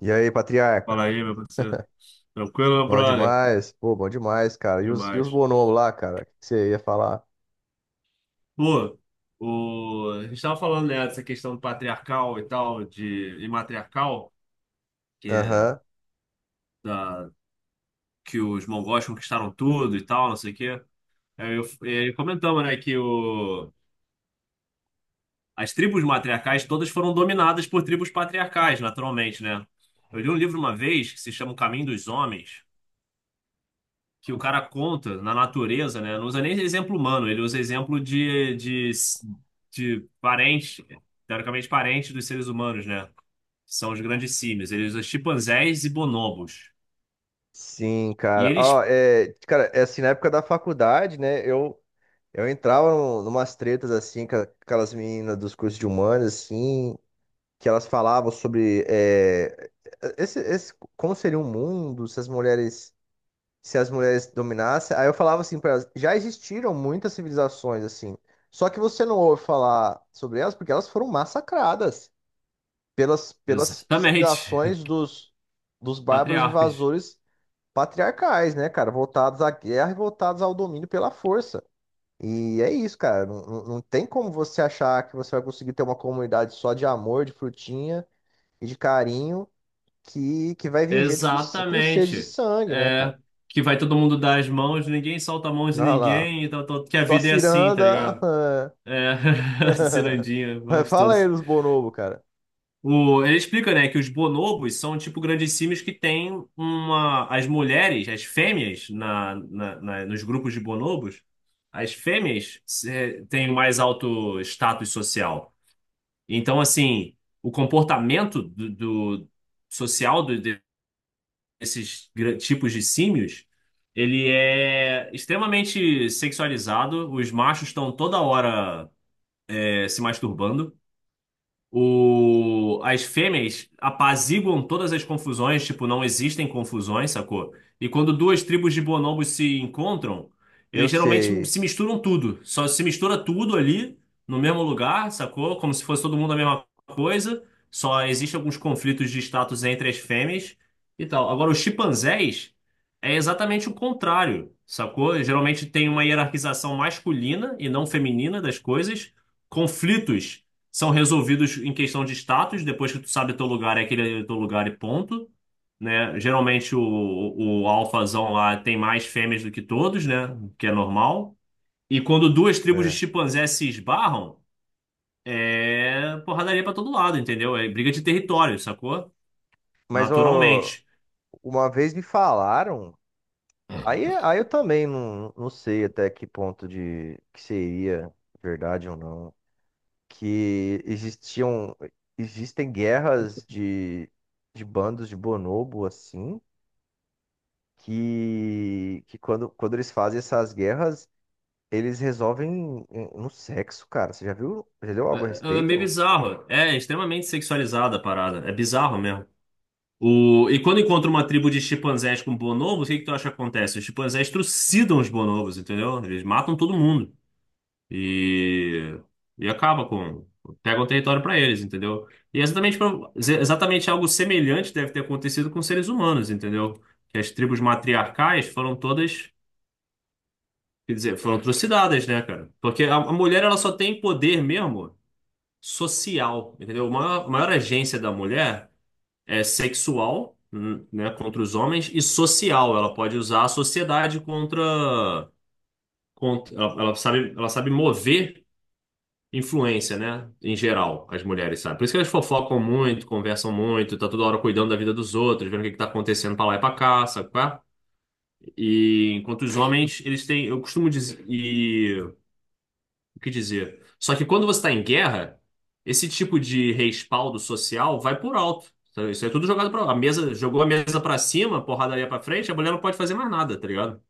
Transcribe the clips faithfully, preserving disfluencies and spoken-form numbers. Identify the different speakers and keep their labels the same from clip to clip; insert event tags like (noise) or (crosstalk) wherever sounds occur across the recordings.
Speaker 1: E aí, patriarca?
Speaker 2: Fala aí, meu parceiro. Tranquilo, meu
Speaker 1: Bom
Speaker 2: brother?
Speaker 1: demais? Pô, bom demais, cara. E os, e os
Speaker 2: Demais.
Speaker 1: bonobos lá, cara? O que que você ia falar?
Speaker 2: Pô, o... a gente tava falando, né, dessa questão patriarcal e tal, de... e matriarcal, que, é
Speaker 1: Aham.
Speaker 2: da... que os mongóis conquistaram tudo e tal, não sei o quê. Aí eu... e aí comentamos, né, que o... as tribos matriarcais todas foram dominadas por tribos patriarcais, naturalmente, né? Eu li um livro uma vez que se chama O Caminho dos Homens, que o cara conta na natureza, né? Não usa nem exemplo humano, ele usa exemplo de, de, de parente, teoricamente parente dos seres humanos, né? Que são os grandes símios. Ele usa chimpanzés e bonobos.
Speaker 1: Sim,
Speaker 2: E
Speaker 1: cara.
Speaker 2: eles.
Speaker 1: Ó, é, cara, é assim, na época da faculdade, né? Eu, eu entrava num, numas tretas, assim, com a- com aquelas meninas dos cursos de humanas, assim, que elas falavam sobre é, esse, esse- como seria o mundo se as mulheres se as mulheres dominassem. Aí eu falava assim para elas, já existiram muitas civilizações assim, só que você não ouve falar sobre elas porque elas foram massacradas pelas, pelas
Speaker 2: Exatamente.
Speaker 1: civilizações
Speaker 2: (laughs)
Speaker 1: dos, dos bárbaros
Speaker 2: Patriarcas.
Speaker 1: invasores patriarcais, né, cara, voltados à guerra e voltados ao domínio pela força. E é isso, cara. Não, não não tem como você achar que você vai conseguir ter uma comunidade só de amor, de frutinha e de carinho que, que vai vir gente com, com sede de
Speaker 2: Exatamente.
Speaker 1: sangue, né, cara?
Speaker 2: É. Que vai todo mundo dar as mãos, ninguém solta a mão de
Speaker 1: Olha lá.
Speaker 2: ninguém, e tal, tal, que a
Speaker 1: Só
Speaker 2: vida é assim, tá
Speaker 1: ciranda.
Speaker 2: ligado? É. (laughs)
Speaker 1: (laughs)
Speaker 2: Cirandinha,
Speaker 1: Mas
Speaker 2: vamos
Speaker 1: fala aí
Speaker 2: todos.
Speaker 1: dos bonobo, cara.
Speaker 2: O, ele explica, né, que os bonobos são tipo grandes símios que têm uma. As mulheres, as fêmeas, na, na, na- nos grupos de bonobos, as fêmeas eh, têm mais alto status social. Então, assim, o comportamento do, do- social do- de- desses gra- tipos de símios, ele é extremamente sexualizado. Os machos estão toda hora eh, se masturbando. O, as fêmeas apaziguam todas as confusões, tipo, não existem confusões, sacou? E quando duas tribos de bonobos se encontram,
Speaker 1: Eu
Speaker 2: eles geralmente
Speaker 1: sei,
Speaker 2: se misturam tudo. Só se mistura tudo ali, no mesmo lugar, sacou? Como se fosse todo mundo a mesma coisa. Só existem alguns conflitos de status entre as fêmeas e tal. Agora, os chimpanzés é exatamente o contrário, sacou? Geralmente tem uma hierarquização masculina e não feminina das coisas. Conflitos são resolvidos em questão de status, depois que tu sabe teu lugar, é aquele teu lugar e ponto, né? Geralmente o, o alfazão lá tem mais fêmeas do que todos, né? O que é normal. E quando duas tribos de
Speaker 1: né?
Speaker 2: chimpanzés se esbarram, é porradaria pra todo lado, entendeu? É briga de território, sacou?
Speaker 1: Mas ó,
Speaker 2: Naturalmente.
Speaker 1: uma vez me falaram, aí, aí eu também não, não sei até que ponto de que seria verdade ou não, que existiam existem guerras de, de bandos de bonobo assim, que, que quando, quando eles fazem essas guerras, eles resolvem eh, no sexo, cara. Você já viu? Já leu algo a
Speaker 2: É, é meio
Speaker 1: respeito?
Speaker 2: bizarro. É extremamente sexualizada a parada. É bizarro mesmo. O... E quando encontra uma tribo de chimpanzés com bonobos, o que que tu acha que acontece? Os chimpanzés trucidam os bonobos, entendeu? Eles matam todo mundo e, e acaba com... Pegam o território para eles, entendeu? E é exatamente, pra- ex- exatamente algo semelhante deve ter acontecido com seres humanos, entendeu? Que as tribos matriarcais foram todas, quer dizer, foram trucidadas, né, cara? Porque a, a mulher, ela só tem poder mesmo social, entendeu? A maior, a maior agência da mulher é sexual, n- né, contra os homens e social. Ela pode usar a sociedade contra, contra ela, ela sabe, ela sabe mover influência, né, em geral, as mulheres, sabe? Por isso que elas fofocam muito, conversam muito, tá toda hora cuidando da vida dos outros, vendo o que que tá acontecendo pra lá e pra cá, sabe? Qual é? E enquanto os homens, eles têm, eu costumo dizer, o que dizer. Só que quando você está em guerra, esse tipo de respaldo social vai por alto. Então, isso é tudo jogado para a mesa, jogou a mesa para cima, porradaria para frente, a mulher não pode fazer mais nada, tá ligado?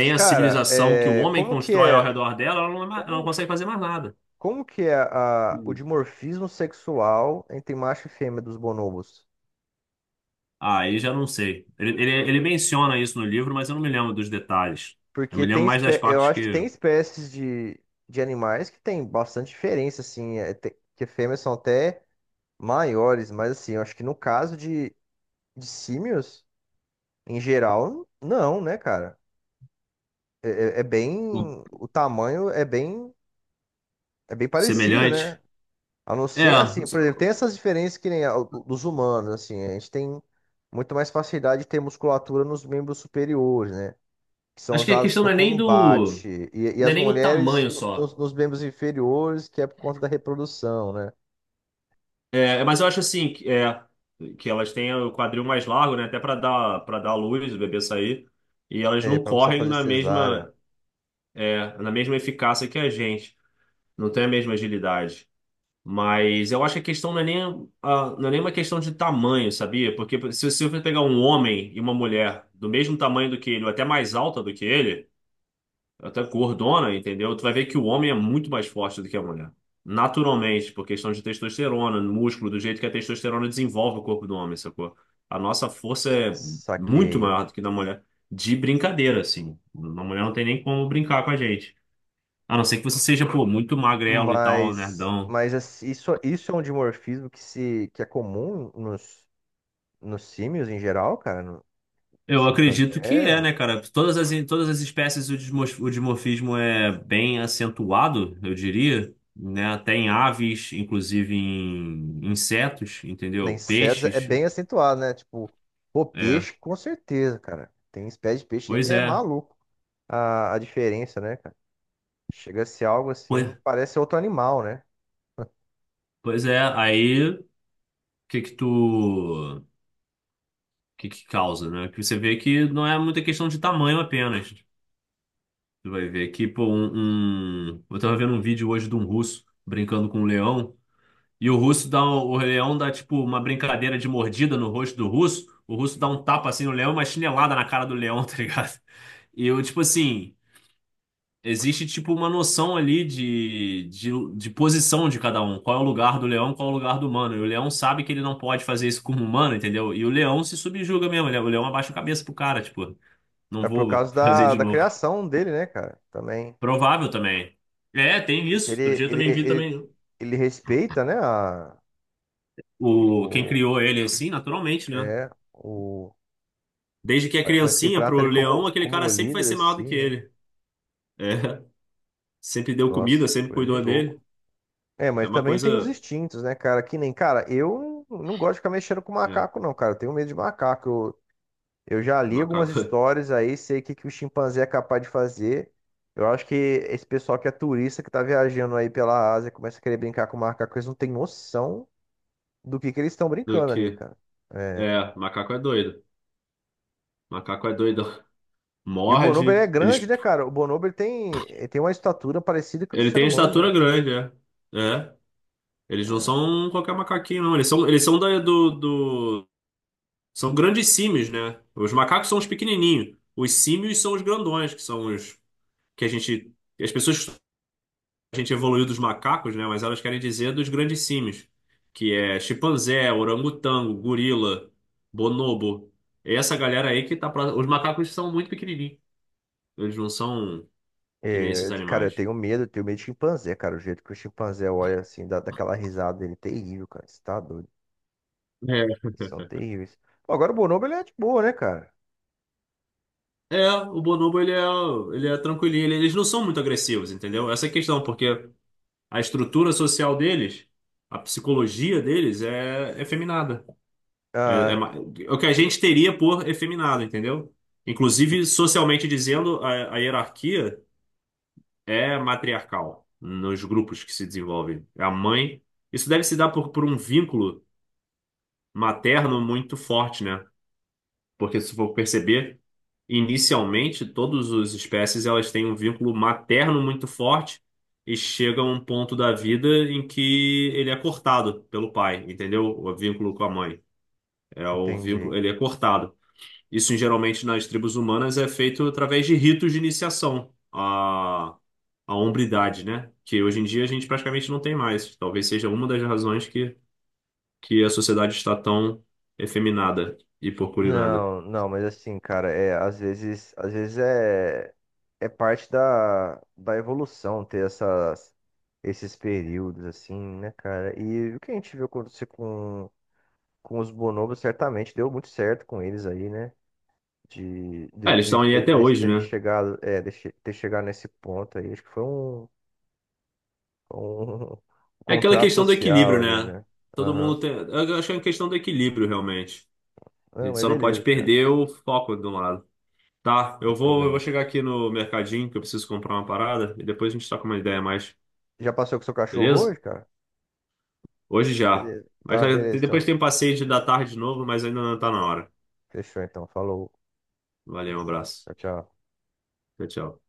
Speaker 1: Mas,
Speaker 2: a
Speaker 1: cara,
Speaker 2: civilização que o
Speaker 1: é,
Speaker 2: homem
Speaker 1: como que
Speaker 2: constrói ao
Speaker 1: é,
Speaker 2: redor dela, ela não, é mais- ela não
Speaker 1: como,
Speaker 2: consegue fazer mais nada.
Speaker 1: como que é a- o
Speaker 2: Hum.
Speaker 1: dimorfismo sexual entre macho e fêmea dos bonobos?
Speaker 2: Ah, aí já não sei. Ele, ele, ele menciona isso no livro, mas eu não me lembro dos detalhes. Eu
Speaker 1: Porque
Speaker 2: me lembro
Speaker 1: tem,
Speaker 2: mais das
Speaker 1: espé- eu
Speaker 2: partes
Speaker 1: acho que tem
Speaker 2: que
Speaker 1: espécies de, de animais que tem bastante diferença, assim, é, te- que fêmeas são até maiores, mas assim, eu acho que no caso de, de símios, em geral, não, né, cara? É, é- é
Speaker 2: O-
Speaker 1: bem, o tamanho é bem, é bem parecido,
Speaker 2: semelhante.
Speaker 1: né? A não
Speaker 2: É,
Speaker 1: ser, assim, por exemplo, tem essas diferenças que nem a do- dos humanos, assim, a gente tem muito mais facilidade de ter musculatura nos membros superiores, né? Que são
Speaker 2: acho que a
Speaker 1: usados
Speaker 2: questão
Speaker 1: para o
Speaker 2: não é nem do,
Speaker 1: combate. E, e
Speaker 2: não é
Speaker 1: as
Speaker 2: nem o
Speaker 1: mulheres
Speaker 2: tamanho
Speaker 1: no-
Speaker 2: só.
Speaker 1: nos, nos membros inferiores, que é por conta da reprodução, né?
Speaker 2: É, mas eu acho assim, que, é, que elas têm o quadril mais largo, né? Até para dar para dar luz, o bebê sair. E elas
Speaker 1: É,
Speaker 2: não
Speaker 1: para não precisar
Speaker 2: correm
Speaker 1: fazer
Speaker 2: na
Speaker 1: cesárea.
Speaker 2: mesma é, na mesma eficácia que a gente. Não tem a mesma agilidade. Mas eu acho que a questão não é nem, a- não é nem uma questão de tamanho, sabia? Porque se, se você pegar um homem e uma mulher do mesmo tamanho do que ele, ou até mais alta do que ele, até gordona, entendeu? Tu vai ver que o homem é muito mais forte do que a mulher. Naturalmente, por questão de testosterona, músculo, do jeito que a testosterona desenvolve o corpo do homem, sacou? A nossa força é muito
Speaker 1: Saquei.
Speaker 2: maior do que da mulher. De brincadeira, assim. A mulher não tem nem como brincar com a gente. A não ser que você seja, pô, muito magrelo e tal,
Speaker 1: Mas,
Speaker 2: nerdão.
Speaker 1: mas assim, isso, isso é um dimorfismo que, se, que é comum nos, nos símios em geral, cara, no- nos
Speaker 2: Eu acredito que
Speaker 1: chimpanzés.
Speaker 2: é, né, cara? Todas as, todas as espécies o desmos- o dimorfismo é bem acentuado, eu diria, né? Até em aves, inclusive em insetos,
Speaker 1: Nem
Speaker 2: entendeu?
Speaker 1: insetos é
Speaker 2: Peixes,
Speaker 1: bem acentuado, né? Tipo, pô,
Speaker 2: é.
Speaker 1: peixe, com certeza, cara. Tem espécie de peixe aí que
Speaker 2: Pois
Speaker 1: é
Speaker 2: é.
Speaker 1: maluco a, a diferença, né, cara? Chega a ser algo
Speaker 2: Pois,
Speaker 1: assim, parece outro animal, né?
Speaker 2: pois é. Aí, o que que tu... O que que causa, né? Que você vê que não é muita questão de tamanho apenas. Tu vai ver que, pô, um... um- eu tava vendo um vídeo hoje de um russo brincando com um leão. E o russo dá um- o leão dá tipo uma brincadeira de mordida no rosto do russo. O russo dá um tapa assim no leão, e uma chinelada na cara do leão, (laughs) tá ligado? E eu, tipo assim, existe tipo uma noção ali de, de, de posição de cada um. Qual é o lugar do leão, qual é o lugar do humano. E o leão sabe que ele não pode fazer isso como humano, entendeu? E o leão se subjuga mesmo. ele- O leão abaixa a cabeça pro cara, tipo, não
Speaker 1: É por
Speaker 2: vou (laughs)
Speaker 1: causa
Speaker 2: fazer
Speaker 1: da,
Speaker 2: de
Speaker 1: da
Speaker 2: novo.
Speaker 1: criação dele, né, cara? Também.
Speaker 2: Provável também. É, tem
Speaker 1: Porque
Speaker 2: isso. Outro
Speaker 1: ele,
Speaker 2: dia eu
Speaker 1: ele,
Speaker 2: também vi
Speaker 1: ele,
Speaker 2: também
Speaker 1: ele respeita, né, a,
Speaker 2: o, quem
Speaker 1: o,
Speaker 2: criou ele assim, naturalmente, né?
Speaker 1: é, o,
Speaker 2: Desde que é
Speaker 1: parece que ele
Speaker 2: criancinha
Speaker 1: trata
Speaker 2: pro
Speaker 1: ele
Speaker 2: leão,
Speaker 1: como,
Speaker 2: aquele
Speaker 1: como
Speaker 2: cara sempre vai
Speaker 1: líder,
Speaker 2: ser maior do
Speaker 1: assim,
Speaker 2: que
Speaker 1: né?
Speaker 2: ele. É, (laughs) sempre deu comida,
Speaker 1: Nossa,
Speaker 2: sempre
Speaker 1: coisa de
Speaker 2: cuidou
Speaker 1: louco.
Speaker 2: dele.
Speaker 1: É,
Speaker 2: É
Speaker 1: mas
Speaker 2: uma
Speaker 1: também
Speaker 2: coisa.
Speaker 1: tem os instintos, né, cara? Que nem, cara, eu não gosto de ficar mexendo com
Speaker 2: É,
Speaker 1: macaco, não, cara. Eu tenho medo de macaco. Eu, eu já li algumas
Speaker 2: macaco
Speaker 1: histórias aí, sei o que, que o chimpanzé é capaz de fazer. Eu acho que esse pessoal que é turista, que tá viajando aí pela Ásia, começa a querer brincar com macaco, eles não têm noção do que, que eles estão
Speaker 2: (laughs) do
Speaker 1: brincando ali,
Speaker 2: que.
Speaker 1: cara. É.
Speaker 2: É, macaco é doido. Macaco é doido. (laughs)
Speaker 1: E o bonobo, ele é
Speaker 2: Morde.
Speaker 1: grande,
Speaker 2: Eles,
Speaker 1: né, cara? O bonobo, ele tem, ele tem uma estatura parecida com a do
Speaker 2: ele
Speaker 1: ser
Speaker 2: tem a
Speaker 1: humano,
Speaker 2: estatura
Speaker 1: né?
Speaker 2: grande, é. É. Eles não são qualquer macaquinho, não. Eles são, eles são da- do, do. São grandes símios, né? Os macacos são os pequenininhos. Os símios são os grandões, que são os. Que a gente. Que As pessoas a gente evoluiu dos macacos, né? Mas elas querem dizer dos grandes símios, que é chimpanzé, orangotango, gorila, bonobo. É essa galera aí que tá pra... Os macacos são muito pequenininhos. Eles não são que nem
Speaker 1: É,
Speaker 2: esses
Speaker 1: eu te- cara, eu
Speaker 2: animais.
Speaker 1: tenho medo, eu tenho medo de chimpanzé, cara. O jeito que o chimpanzé olha assim, dá daquela risada dele, terrível, cara. Você tá doido?
Speaker 2: É,
Speaker 1: Eles são terríveis. Pô, agora o bonobo, ele é de boa, né, cara?
Speaker 2: é, o bonobo ele é, ele é tranquilinho, ele- eles não são muito agressivos, entendeu? Essa é a questão, porque a estrutura social deles, a psicologia deles é efeminada. É, é
Speaker 1: Ah,
Speaker 2: ma- é o que a gente teria por efeminado, entendeu? Inclusive, socialmente dizendo, a, a hierarquia é matriarcal nos grupos que se desenvolvem. A mãe. Isso deve se dar por, por um vínculo materno muito forte, né? Porque se for perceber, inicialmente, todas as espécies elas têm um vínculo materno muito forte e chega a um ponto da vida em que ele é cortado pelo pai, entendeu? O vínculo com a mãe. É o
Speaker 1: entendi.
Speaker 2: vínculo, ele é cortado. Isso geralmente nas tribos humanas é feito através de ritos de iniciação à, à hombridade, né? Que hoje em dia a gente praticamente não tem mais. Talvez seja uma das razões que, que a sociedade está tão efeminada e porcurinada.
Speaker 1: Não, não, mas assim, cara, é, às vezes, às vezes é, é parte da, da evolução ter essas, esses períodos, assim, né, cara? E o que a gente viu acontecer com, com os bonobos, certamente deu muito certo com eles aí, né? de,
Speaker 2: Ah,
Speaker 1: de,
Speaker 2: eles
Speaker 1: de,
Speaker 2: estão aí
Speaker 1: de-
Speaker 2: até
Speaker 1: deles
Speaker 2: hoje,
Speaker 1: terem
Speaker 2: né?
Speaker 1: chegado, é, de che- ter chegado nesse ponto aí. Acho que foi um, um (laughs)
Speaker 2: É aquela
Speaker 1: contrato
Speaker 2: questão do
Speaker 1: social
Speaker 2: equilíbrio,
Speaker 1: ali,
Speaker 2: né?
Speaker 1: né?
Speaker 2: Todo
Speaker 1: Aham.
Speaker 2: mundo tem. Eu acho que é uma questão do equilíbrio, realmente. A
Speaker 1: Não,
Speaker 2: gente
Speaker 1: mas
Speaker 2: só não pode
Speaker 1: beleza, cara.
Speaker 2: perder o foco de um lado. Tá, eu
Speaker 1: Sem
Speaker 2: vou, eu vou
Speaker 1: problema.
Speaker 2: chegar aqui no mercadinho que eu preciso comprar uma parada e depois a gente troca uma ideia a mais,
Speaker 1: Já passou com seu cachorro
Speaker 2: beleza?
Speaker 1: hoje, cara?
Speaker 2: Hoje já.
Speaker 1: Beleza.
Speaker 2: Mas
Speaker 1: Tá,
Speaker 2: olha,
Speaker 1: beleza,
Speaker 2: depois
Speaker 1: então.
Speaker 2: tem um passeio da tarde de novo, mas ainda não tá na hora.
Speaker 1: Fechou, então. Falou.
Speaker 2: Valeu, um abraço.
Speaker 1: Tchau, tchau.
Speaker 2: Tchau, tchau.